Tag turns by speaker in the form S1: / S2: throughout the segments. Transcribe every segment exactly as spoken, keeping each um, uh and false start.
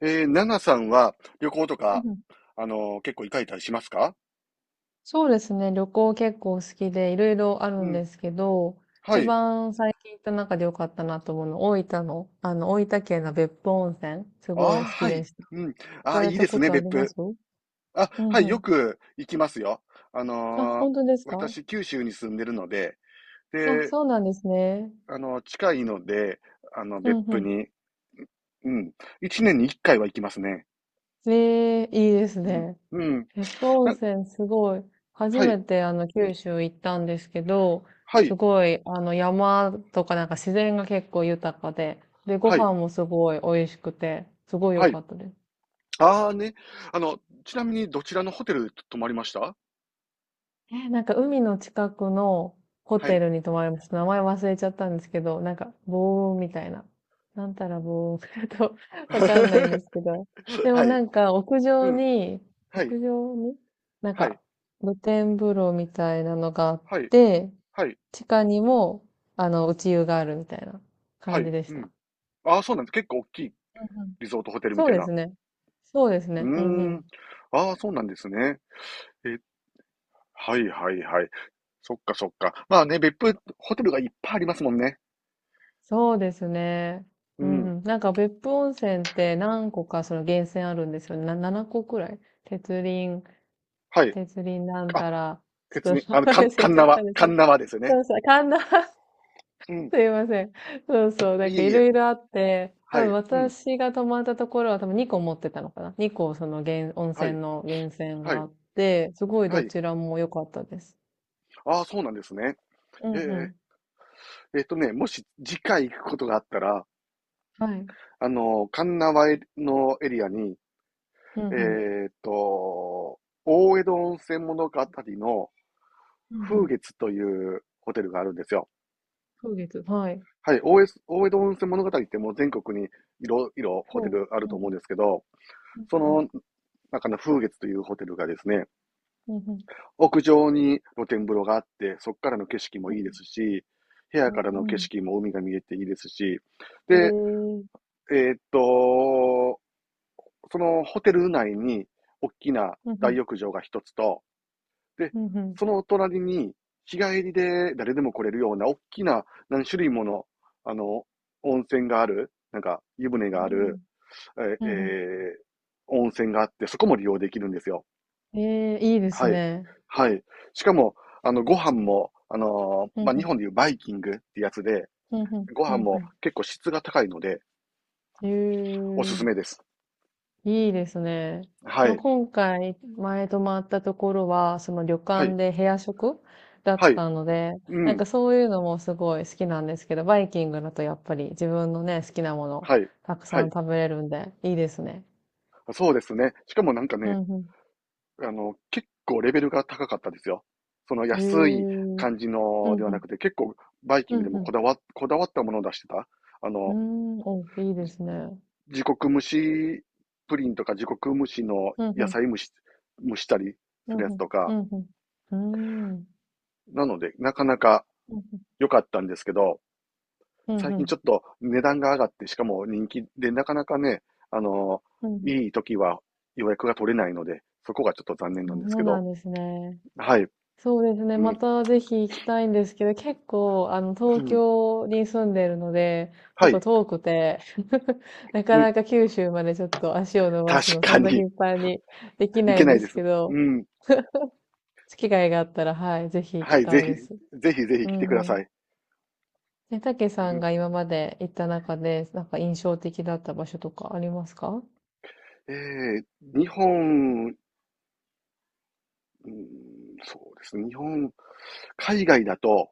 S1: えー、ナナさんは旅行と
S2: う
S1: か、
S2: んうん、
S1: あのー結構行かれたりしますか？
S2: そうですね。旅行結構好きで、いろいろある
S1: う
S2: ん
S1: ん。
S2: ですけど、
S1: は
S2: 一
S1: い。
S2: 番最近行った中で良かったなと思うの、大分の、あの、大分県の別府温泉、す
S1: あ
S2: ご
S1: あ、
S2: い好き
S1: はい。
S2: でした。
S1: うん。
S2: 行
S1: あ
S2: か
S1: あ、
S2: れ
S1: いいで
S2: た
S1: す
S2: こ
S1: ね、
S2: とあ
S1: 別
S2: りま
S1: 府。
S2: すう
S1: あ、
S2: ん
S1: はい、
S2: う
S1: よ
S2: ん。
S1: く行きますよ。あ
S2: あ、
S1: のー
S2: 本当ですか
S1: 私、九州に住んでるので、
S2: あ？
S1: で、
S2: そうなんですね。
S1: あの、近いので、あの、
S2: うん
S1: 別
S2: う
S1: 府
S2: ん。
S1: に、うん、いちねんにいっかいは行きますね。
S2: ええ、いいです
S1: うん。
S2: ね。
S1: うん。
S2: 別府温
S1: な、
S2: 泉すごい、初
S1: はい、
S2: めてあの九州行ったんですけど、
S1: は
S2: す
S1: い、
S2: ごいあの山とかなんか自然が結構豊かで、で、ご
S1: はい、
S2: 飯もすごい美味しくて、すごい良
S1: は
S2: か
S1: い。
S2: ったです。
S1: ああね。あの、ちなみにどちらのホテル泊まりました？
S2: え、なんか海の近くのホ
S1: は
S2: テ
S1: い。
S2: ルに泊まりました。名前忘れちゃったんですけど、なんか棒雲みたいな。なんたらボ雲 と、わ かんないんですけど。で
S1: は
S2: も
S1: い。
S2: なんか 屋
S1: う
S2: 上
S1: ん。
S2: に、
S1: はい。
S2: 屋上になん
S1: はい、
S2: か露天風呂みたいなのがあっ
S1: はい、
S2: て、
S1: はい、
S2: 地下にも、あの、内湯があるみたいな
S1: は
S2: 感じ
S1: い、
S2: でし
S1: う
S2: た。
S1: ん。ああ、そうなんです。結構大きい
S2: うんうん、
S1: リゾートホテルみ
S2: そう
S1: たい
S2: で
S1: な。
S2: すね。そうです
S1: う
S2: ね。うんう
S1: ーん。
S2: ん。
S1: ああ、そうなんですね。え、はいはいはい。そっかそっか。まあね、別府ホテルがいっぱいありますもんね。
S2: そうですね。
S1: う
S2: う
S1: ん。
S2: ん。なんか別府温泉って何個かその源泉あるんですよね。な、ななこくらい。鉄輪、
S1: はい。
S2: 鉄輪なん
S1: あ、
S2: たら、ち
S1: 鉄
S2: ょっと
S1: に、あの、
S2: 忘
S1: かん、鉄
S2: れちゃっ
S1: 輪、
S2: たんです
S1: 鉄
S2: けど。
S1: 輪ですよね？
S2: そうそう、神田
S1: うん。
S2: すいません。そうそう、なん
S1: い
S2: か
S1: え
S2: い
S1: い
S2: ろ
S1: え。
S2: いろあって、
S1: は
S2: 多分
S1: い。うん。
S2: 私が泊まったところは多分にこ持ってたのかな。にこその源、温
S1: は
S2: 泉
S1: い。
S2: の源泉
S1: は
S2: があ
S1: い。
S2: って、すごい
S1: は
S2: ど
S1: い。
S2: ちらも良かったです。
S1: ああ、そうなんですね。
S2: うん
S1: へ
S2: う
S1: え。
S2: ん。
S1: えっとね、もし次回行くことがあったら、
S2: はい。
S1: あの、鉄輪のエリアに、
S2: うんう
S1: え
S2: ん。
S1: ーっと、大江戸温泉物語の
S2: うんう
S1: 風
S2: ん。
S1: 月というホテルがあるんですよ。
S2: 風月。はい。
S1: はい、大江大江戸温泉物語ってもう全国にいろいろホテ
S2: そ
S1: ルあ
S2: う。
S1: る
S2: うんう
S1: と
S2: ん。
S1: 思うんですけど、
S2: うん
S1: そ
S2: うん。
S1: の中の風月というホテルがですね、
S2: うんうん、
S1: 屋上に露天風呂があって、そこからの景色も
S2: う
S1: いいで
S2: ん
S1: すし、部屋
S2: う
S1: からの景
S2: ん。
S1: 色も海が見えていいですし、
S2: う
S1: で、
S2: ん。へえ。
S1: えーっと、そのホテル内に大きな
S2: うんう
S1: 大
S2: ん。
S1: 浴場がひとつと、で、
S2: うんうん。
S1: その隣に、日帰りで誰でも来れるような、大きな何種類もの、あの、温泉がある、なんか、湯船
S2: う
S1: がある、
S2: ん。う
S1: え
S2: ん、
S1: ー温泉があって、そこも利用できるんですよ。
S2: ええ、いいです
S1: はい。
S2: ね。
S1: はい。しかも、あの、ご飯も、あのー
S2: う
S1: ま
S2: ん
S1: あ、
S2: う
S1: 日
S2: ん。
S1: 本でいうバイキングってやつで、
S2: うんうん。
S1: ご飯
S2: う
S1: も
S2: ん、
S1: 結構質が高いので、
S2: へ
S1: おす
S2: え、
S1: すめです。
S2: いいですね。
S1: は
S2: その
S1: い。
S2: 今回、前泊まったところは、その旅
S1: は
S2: 館
S1: い。
S2: で部屋食だ
S1: は
S2: っ
S1: い。
S2: たので、
S1: う
S2: なんか
S1: ん。
S2: そういうのもすごい好きなんですけど、バイキングだとやっぱり自分のね、好きなもの、
S1: はい。
S2: たく
S1: は
S2: さん
S1: い。
S2: 食べれるんで、いいですね。
S1: そうですね。しかもなんか
S2: う
S1: ね、
S2: んう
S1: あの、結構レベルが高かったですよ。その
S2: ん。
S1: 安い
S2: へえ。
S1: 感じ
S2: う
S1: ので
S2: ん
S1: は
S2: う
S1: なく
S2: ん。
S1: て、結構バイキ
S2: う
S1: ングで
S2: んう
S1: もこ
S2: ん。
S1: だわ、こだわったものを出してた。あ
S2: うー
S1: の、
S2: ん、お、いいですね。
S1: 自国蒸しプリンとか自国蒸しの
S2: うんう
S1: 野
S2: ん、
S1: 菜蒸し、蒸したり
S2: う
S1: す
S2: んう
S1: るやつ
S2: ん、
S1: と
S2: う
S1: か。
S2: んうん、うーん、
S1: なので、なかなか
S2: うんうん、
S1: 良かったんですけど、
S2: うん
S1: 最
S2: う
S1: 近ち
S2: ん、
S1: ょっと値段が上がって、しかも人気で、なかなかね、あの、
S2: うんうん。
S1: いい時は予約が取れないので、そこがちょっと残念
S2: そ
S1: なんです
S2: う
S1: け
S2: な
S1: ど。
S2: んですね。
S1: はい。
S2: そうですね。
S1: う
S2: ま
S1: ん。
S2: たぜひ行きたいんですけど、結構、あの、
S1: う
S2: 東
S1: ん、
S2: 京に住んでるので、
S1: は
S2: 結構
S1: い。
S2: 遠くて、な
S1: う
S2: か
S1: ん。
S2: なか九州までちょっと足を伸ばす
S1: 確
S2: の、そ
S1: か
S2: んな
S1: に。
S2: 頻繁にでき
S1: い
S2: な
S1: け
S2: いん
S1: な
S2: で
S1: いで
S2: す
S1: す。
S2: け
S1: う
S2: ど、
S1: ん。
S2: 機会があったら、はい、ぜひ行
S1: は
S2: き
S1: い、
S2: た
S1: ぜ
S2: い
S1: ひ、
S2: です。
S1: ぜひぜひ
S2: う
S1: 来てくだ
S2: んう
S1: さ
S2: ん。
S1: い。
S2: え、たけ
S1: う
S2: さん
S1: ん、
S2: が今まで行った中で、なんか印象的だった場所とかありますか？
S1: えー日本、うん、そうですね、日本、海外だと、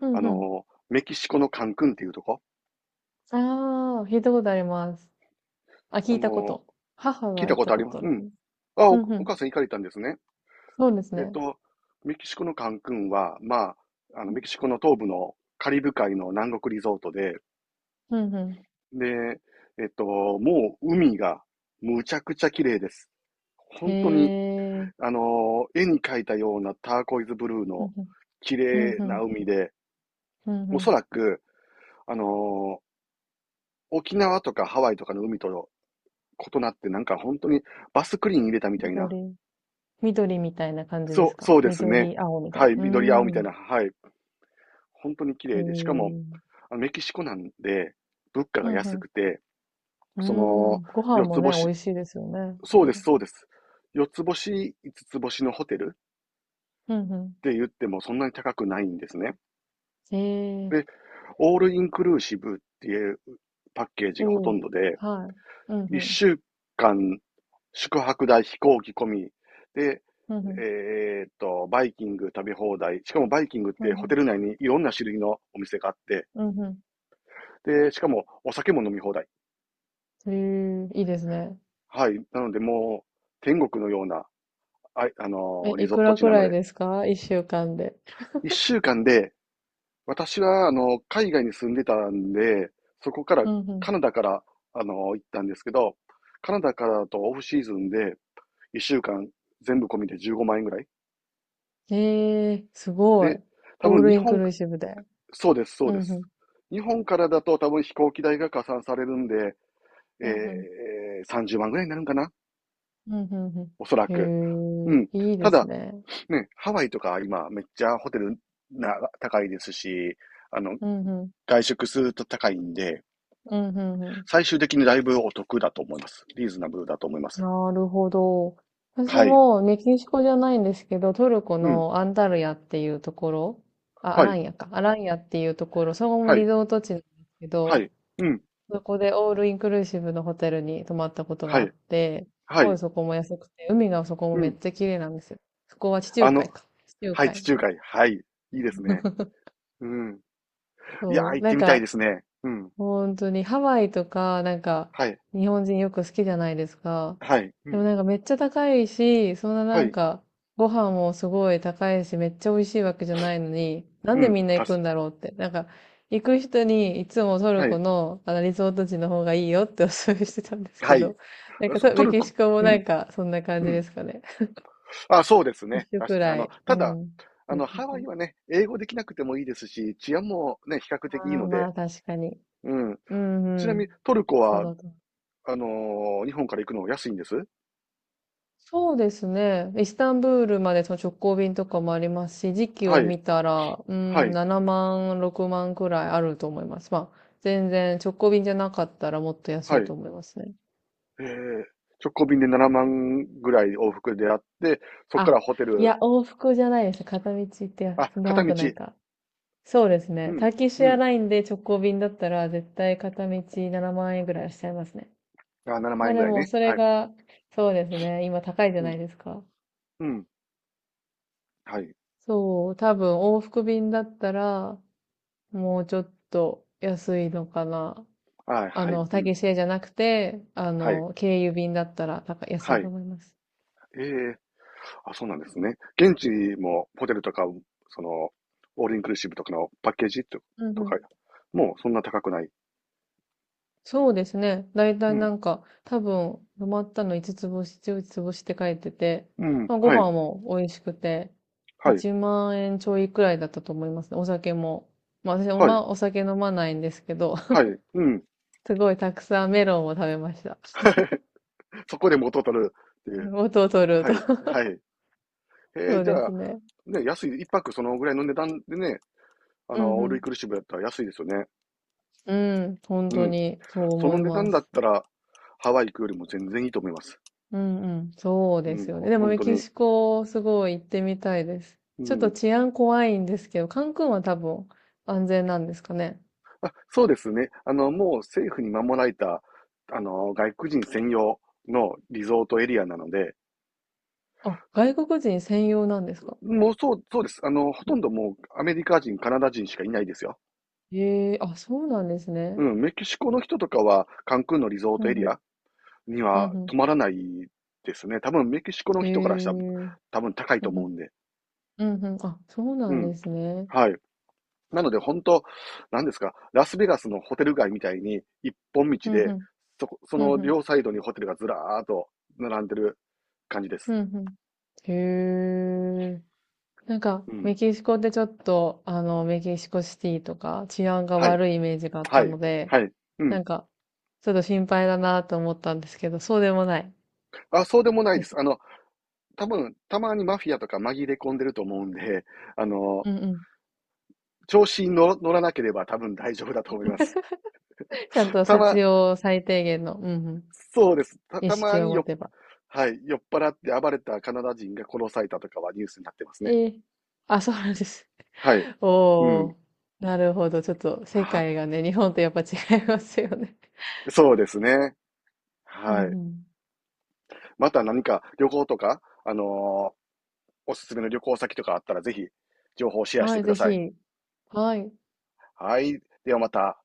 S2: う
S1: あ
S2: んうん。
S1: の、メキシコのカンクンっていうとこ、
S2: ああ、聞いたことあります。あ、聞
S1: あ
S2: いたこ
S1: の、
S2: と。母
S1: 聞
S2: が
S1: い
S2: 行
S1: た
S2: っ
S1: こ
S2: た
S1: とあ
S2: こ
S1: りま
S2: と
S1: す、
S2: あ
S1: う
S2: るか
S1: ん。
S2: な。
S1: あ、お、
S2: うんう
S1: お
S2: ん。
S1: 母さん行かれたんですね。
S2: そうです
S1: えっ
S2: ね。
S1: と、メキシコのカンクンは、まあ、あの、メキシコの東部のカリブ海の南国リゾートで、
S2: うんう
S1: で、えっと、もう海がむちゃくちゃ綺麗です。
S2: ん。
S1: 本当に
S2: へえ。
S1: あのー絵に描いたようなターコイズブルー
S2: う
S1: の
S2: んうん。
S1: 綺
S2: うん
S1: 麗
S2: う
S1: な
S2: ん。
S1: 海で、
S2: うんう
S1: おそ
S2: ん。
S1: らく、あのー沖縄とかハワイとかの海と異なってなんか本当にバスクリーン入れたみたいな。
S2: 緑。緑みたいな感じで
S1: そ
S2: す
S1: う、
S2: か？
S1: そうですね。
S2: 緑、青みた
S1: は
S2: い
S1: い、
S2: な。う
S1: 緑青みた
S2: ー
S1: い
S2: ん。
S1: な。はい。本当に綺
S2: ほ
S1: 麗で、しかも、
S2: う、
S1: あのメキシコなんで、物価
S2: う
S1: が
S2: ん
S1: 安
S2: う
S1: くて、そ
S2: ん。うー
S1: の、
S2: ん。ご飯
S1: 四
S2: も
S1: つ
S2: ね、美
S1: 星、
S2: 味しいですよね、多
S1: そうです、
S2: 分。
S1: そうです。四つ星、いつつぼしのホテルっ
S2: うんう
S1: て言ってもそんなに高くないんですね。
S2: ん。へえ。
S1: で、オールインクルーシブっていうパッケージがほ
S2: お
S1: と
S2: お、
S1: んどで、
S2: はい。うんうん。
S1: いっしゅうかん宿泊代、飛行機込みで、
S2: うんうん。
S1: えーっと、バイキング食べ放題。しかもバイキングっ
S2: うん
S1: て
S2: う
S1: ホテル
S2: ん。
S1: 内にいろんな種類のお店があって、
S2: うんう
S1: で、しかもお酒も飲み放題。
S2: ん。へえ、いいですね。
S1: はい。なのでもう天国のような、あいあの
S2: え、
S1: ーリ
S2: い
S1: ゾ
S2: く
S1: ート
S2: ら
S1: 地
S2: く
S1: なの
S2: らい
S1: で、
S2: ですか？いっしゅうかんで。
S1: いっしゅうかんで私は、あの、海外に住んでたんで、そこから、
S2: うんう
S1: カナダから、あの、行ったんですけど、カナダからだとオフシーズンで、いっしゅうかん全部込みでじゅうごまん円ぐらい。
S2: ん。ええ、すごい。
S1: で、多
S2: オー
S1: 分
S2: ル
S1: 日
S2: インク
S1: 本、
S2: ルーシブで。
S1: そうです、そう
S2: うん
S1: で
S2: う
S1: す。
S2: ん。
S1: 日本からだと多分飛行機代が加算されるんで、え
S2: うんうん。
S1: ー、さんじゅうまんぐらいになるんかな、
S2: うんうんうん。
S1: おそらく。
S2: へ
S1: うん。
S2: え、いいで
S1: た
S2: す
S1: だ、
S2: ね。
S1: ね、ハワイとか今めっちゃホテルな高いですし、あの、
S2: うんうん。
S1: 外食すると高いんで、
S2: うんうんうん。
S1: 最終的にだいぶお得だと思います。リーズナブルだと思います。
S2: なるほど。私
S1: はい。
S2: もメキシコじゃないんですけど、トルコ
S1: うん。
S2: のアンタルヤっていうところ、あ、ア
S1: は
S2: ラ
S1: い。
S2: ンヤか。アランヤっていうところ、そこも
S1: は
S2: リ
S1: い。
S2: ゾート地なんですけ
S1: は
S2: ど、
S1: い。うん。
S2: そこでオールインクルーシブのホテルに泊まったこと
S1: は
S2: があっ
S1: い。
S2: て、す
S1: は
S2: ごい
S1: い。
S2: そこも安くて、海がそこも
S1: う
S2: めっ
S1: ん。
S2: ちゃ綺麗なんですよ。そこは地中
S1: あ
S2: 海
S1: の、
S2: か。地中
S1: はい、地
S2: 海。
S1: 中海。はい。いいですね。うん。いやー、
S2: そ
S1: 行
S2: う。
S1: っ
S2: な
S1: て
S2: ん
S1: みたいで
S2: か、
S1: すね。うん。
S2: 本当にハワイとか、なんか、
S1: はい。
S2: 日本人よく好きじゃないですか。
S1: はい。う
S2: でも
S1: ん。
S2: なんかめっちゃ高いし、そんな
S1: は
S2: なん
S1: い。
S2: か、ご飯もすごい高いし、めっちゃ美味しいわけじゃないのに、なん
S1: う
S2: で
S1: ん。
S2: みんな
S1: た
S2: 行く
S1: し、
S2: んだろうって。なんか、行く人にいつもトル
S1: は
S2: コ
S1: い。
S2: のあのリゾート地の方がいいよってお勧めしてたんですけ
S1: はい。
S2: ど、なんかと
S1: ト
S2: メ
S1: ル
S2: キ
S1: コ。
S2: シコも
S1: う
S2: な
S1: ん。
S2: んかそんな感
S1: う
S2: じ
S1: ん。
S2: ですかね？
S1: あ、そうです
S2: 一
S1: ね。
S2: 緒
S1: たし、
S2: く
S1: あ
S2: ら
S1: の、
S2: い。う
S1: ただ、
S2: ん。
S1: あの、ハワイはね、英語できなくてもいいですし、治安もね、比較的いい
S2: ああー、
S1: の
S2: ま
S1: で、
S2: あ確かに。
S1: うん。
S2: うん
S1: ち
S2: う
S1: なみ
S2: ん。
S1: にトルコ
S2: そ
S1: は
S2: の通
S1: あのー日本から行くの安いんです。
S2: そうですね。イスタンブールまでその直行便とかもありますし、時期
S1: は
S2: を
S1: い。
S2: 見たら、う
S1: は
S2: ん、
S1: い。
S2: ななまん、ろくまんくらいあると思います。まあ、全然直行便じゃなかったらもっと安
S1: は
S2: い
S1: い。
S2: と思いますね。
S1: えー、直行便でななまんぐらい往復であって、そこか
S2: あ、
S1: らホテ
S2: い
S1: ル、
S2: や、往復じゃないです。片道行ってや
S1: あ、片
S2: 長くない
S1: 道。
S2: か。そうです
S1: う
S2: ね。タ
S1: ん。
S2: ーキッシュ
S1: う
S2: エア
S1: ん。
S2: ラインで直行便だったら、絶対片道ななまん円ぐらいはしちゃいますね。
S1: あ、7
S2: ま
S1: 万
S2: あ
S1: 円ぐ
S2: で
S1: らい
S2: も、
S1: ね。
S2: それ
S1: はい。
S2: が、そうですね。今高いじゃ
S1: う
S2: な
S1: ん。
S2: いですか。
S1: うん。はい。
S2: そう、多分往復便だったら、もうちょっと安いのかな。
S1: あ、
S2: あ
S1: はい。
S2: の、
S1: う
S2: タ
S1: ん。
S2: キシエじゃなくて、あ
S1: はい。
S2: の、経由便だったら高い安
S1: は
S2: いと
S1: い。
S2: 思います。
S1: えー、あ、そうなんですね。現地もホテルとか、その、オールインクルーシブとかのパッケージと
S2: うんう
S1: と
S2: ん。
S1: か、もうそんな高くない。
S2: そうですね。だいた
S1: う
S2: いな
S1: ん。
S2: んか、多分、泊まったのいつつつ星、じゅう星って書いてて、
S1: うん。
S2: まあ、ご
S1: はい。
S2: 飯も美味しくて、
S1: はい。
S2: いちまん円ちょいくらいだったと思いますね。お酒も。まあ私お
S1: はい。
S2: ま、お酒飲まないんですけど、
S1: は い。うん。
S2: すごいたくさんメロンを食べました。
S1: そこで元を取るって
S2: う
S1: いう。
S2: ん、元を取る
S1: は
S2: と。
S1: い。はい。えー、
S2: そう
S1: じ
S2: で
S1: ゃ
S2: す
S1: あ、
S2: ね。
S1: ね、安い、いっぱくそのぐらいの値段でね、あ
S2: う
S1: の、
S2: ん
S1: オ
S2: う
S1: ールイン
S2: ん。
S1: クルーシブだったら安いですよね。
S2: うん、本
S1: う
S2: 当
S1: ん。
S2: にそう
S1: そ
S2: 思
S1: の
S2: い
S1: 値
S2: ま
S1: 段だっ
S2: す。
S1: たら、ハワイ行くよりも全然いいと思います。
S2: うんうん、そう
S1: う
S2: で
S1: ん、
S2: すよ
S1: ほ
S2: ね。でも
S1: 本
S2: メ
S1: 当
S2: キ
S1: に。
S2: シコ、すごい行ってみたいです。
S1: う
S2: ちょっと
S1: ん。
S2: 治安怖いんですけど、カンクンは多分安全なんですかね。
S1: そうですね。あの、もう政府に守られた、あの、外国人専用のリゾートエリアなので、
S2: あ、外国人専用なんですか？
S1: もうそう、そうです。あの、ほとんどもうアメリカ人、カナダ人しかいないですよ。
S2: ええ、あ、そうなんです
S1: う
S2: ね。
S1: ん、メキシコの人とかは、カンクンのリゾー
S2: う
S1: ト
S2: ん
S1: エ
S2: う
S1: リ
S2: ん、
S1: ア、に
S2: う
S1: は
S2: ん
S1: 止まらないですね。多分メキシコの
S2: うん、え
S1: 人からしたら
S2: え、
S1: 多分高い
S2: うんう
S1: と思う
S2: ん、
S1: んで。
S2: うんうん、あ、そうな
S1: う
S2: ん
S1: ん。
S2: ですね。
S1: はい。なので本当、なんですか、ラスベガスのホテル街みたいに一本
S2: う
S1: 道
S2: んう
S1: で、
S2: ん、
S1: そこ、そ
S2: うん
S1: の
S2: うん、
S1: 両サイドにホテルがずらーっと並んでる感じで
S2: う
S1: す。
S2: んうん。へえ。なんか、
S1: う
S2: メ
S1: ん。
S2: キシコってちょっと、あの、メキシコシティとか治安が
S1: はい。
S2: 悪いイメージがあっ
S1: は
S2: た
S1: い。
S2: ので、
S1: はい。うん。
S2: なんか、ちょっと心配だなと思ったんですけど、そうでもない
S1: あ、そうでもない
S2: で
S1: で
S2: す
S1: す。あ
S2: ね。
S1: の、多分、たまにマフィアとか紛れ込んでると思うんで、あの、
S2: うんうん。
S1: 調子に乗乗らなければ多分大丈夫だと思います。
S2: ちゃんと
S1: た
S2: 必
S1: ま、
S2: 要最低限の、うんう
S1: そうです。た、
S2: ん、意
S1: たま
S2: 識を
S1: に
S2: 持
S1: よ
S2: て
S1: っ
S2: ば。
S1: はい。酔っ払って暴れたカナダ人が殺されたとかはニュースになってますね。
S2: ええ、あ、そうなんです。
S1: はい。う
S2: お
S1: ん。
S2: ー、なるほど。ちょっと世
S1: あ、
S2: 界がね、日本とやっぱ違いますよね。
S1: そうですね。
S2: う
S1: は
S2: ん
S1: い。
S2: うん。
S1: また何か旅行とか、あのーおすすめの旅行先とかあったらぜひ情報をシェアし
S2: は
S1: て
S2: い、
S1: くだ
S2: ぜ
S1: さい。
S2: ひ。はい。
S1: はい。ではまた。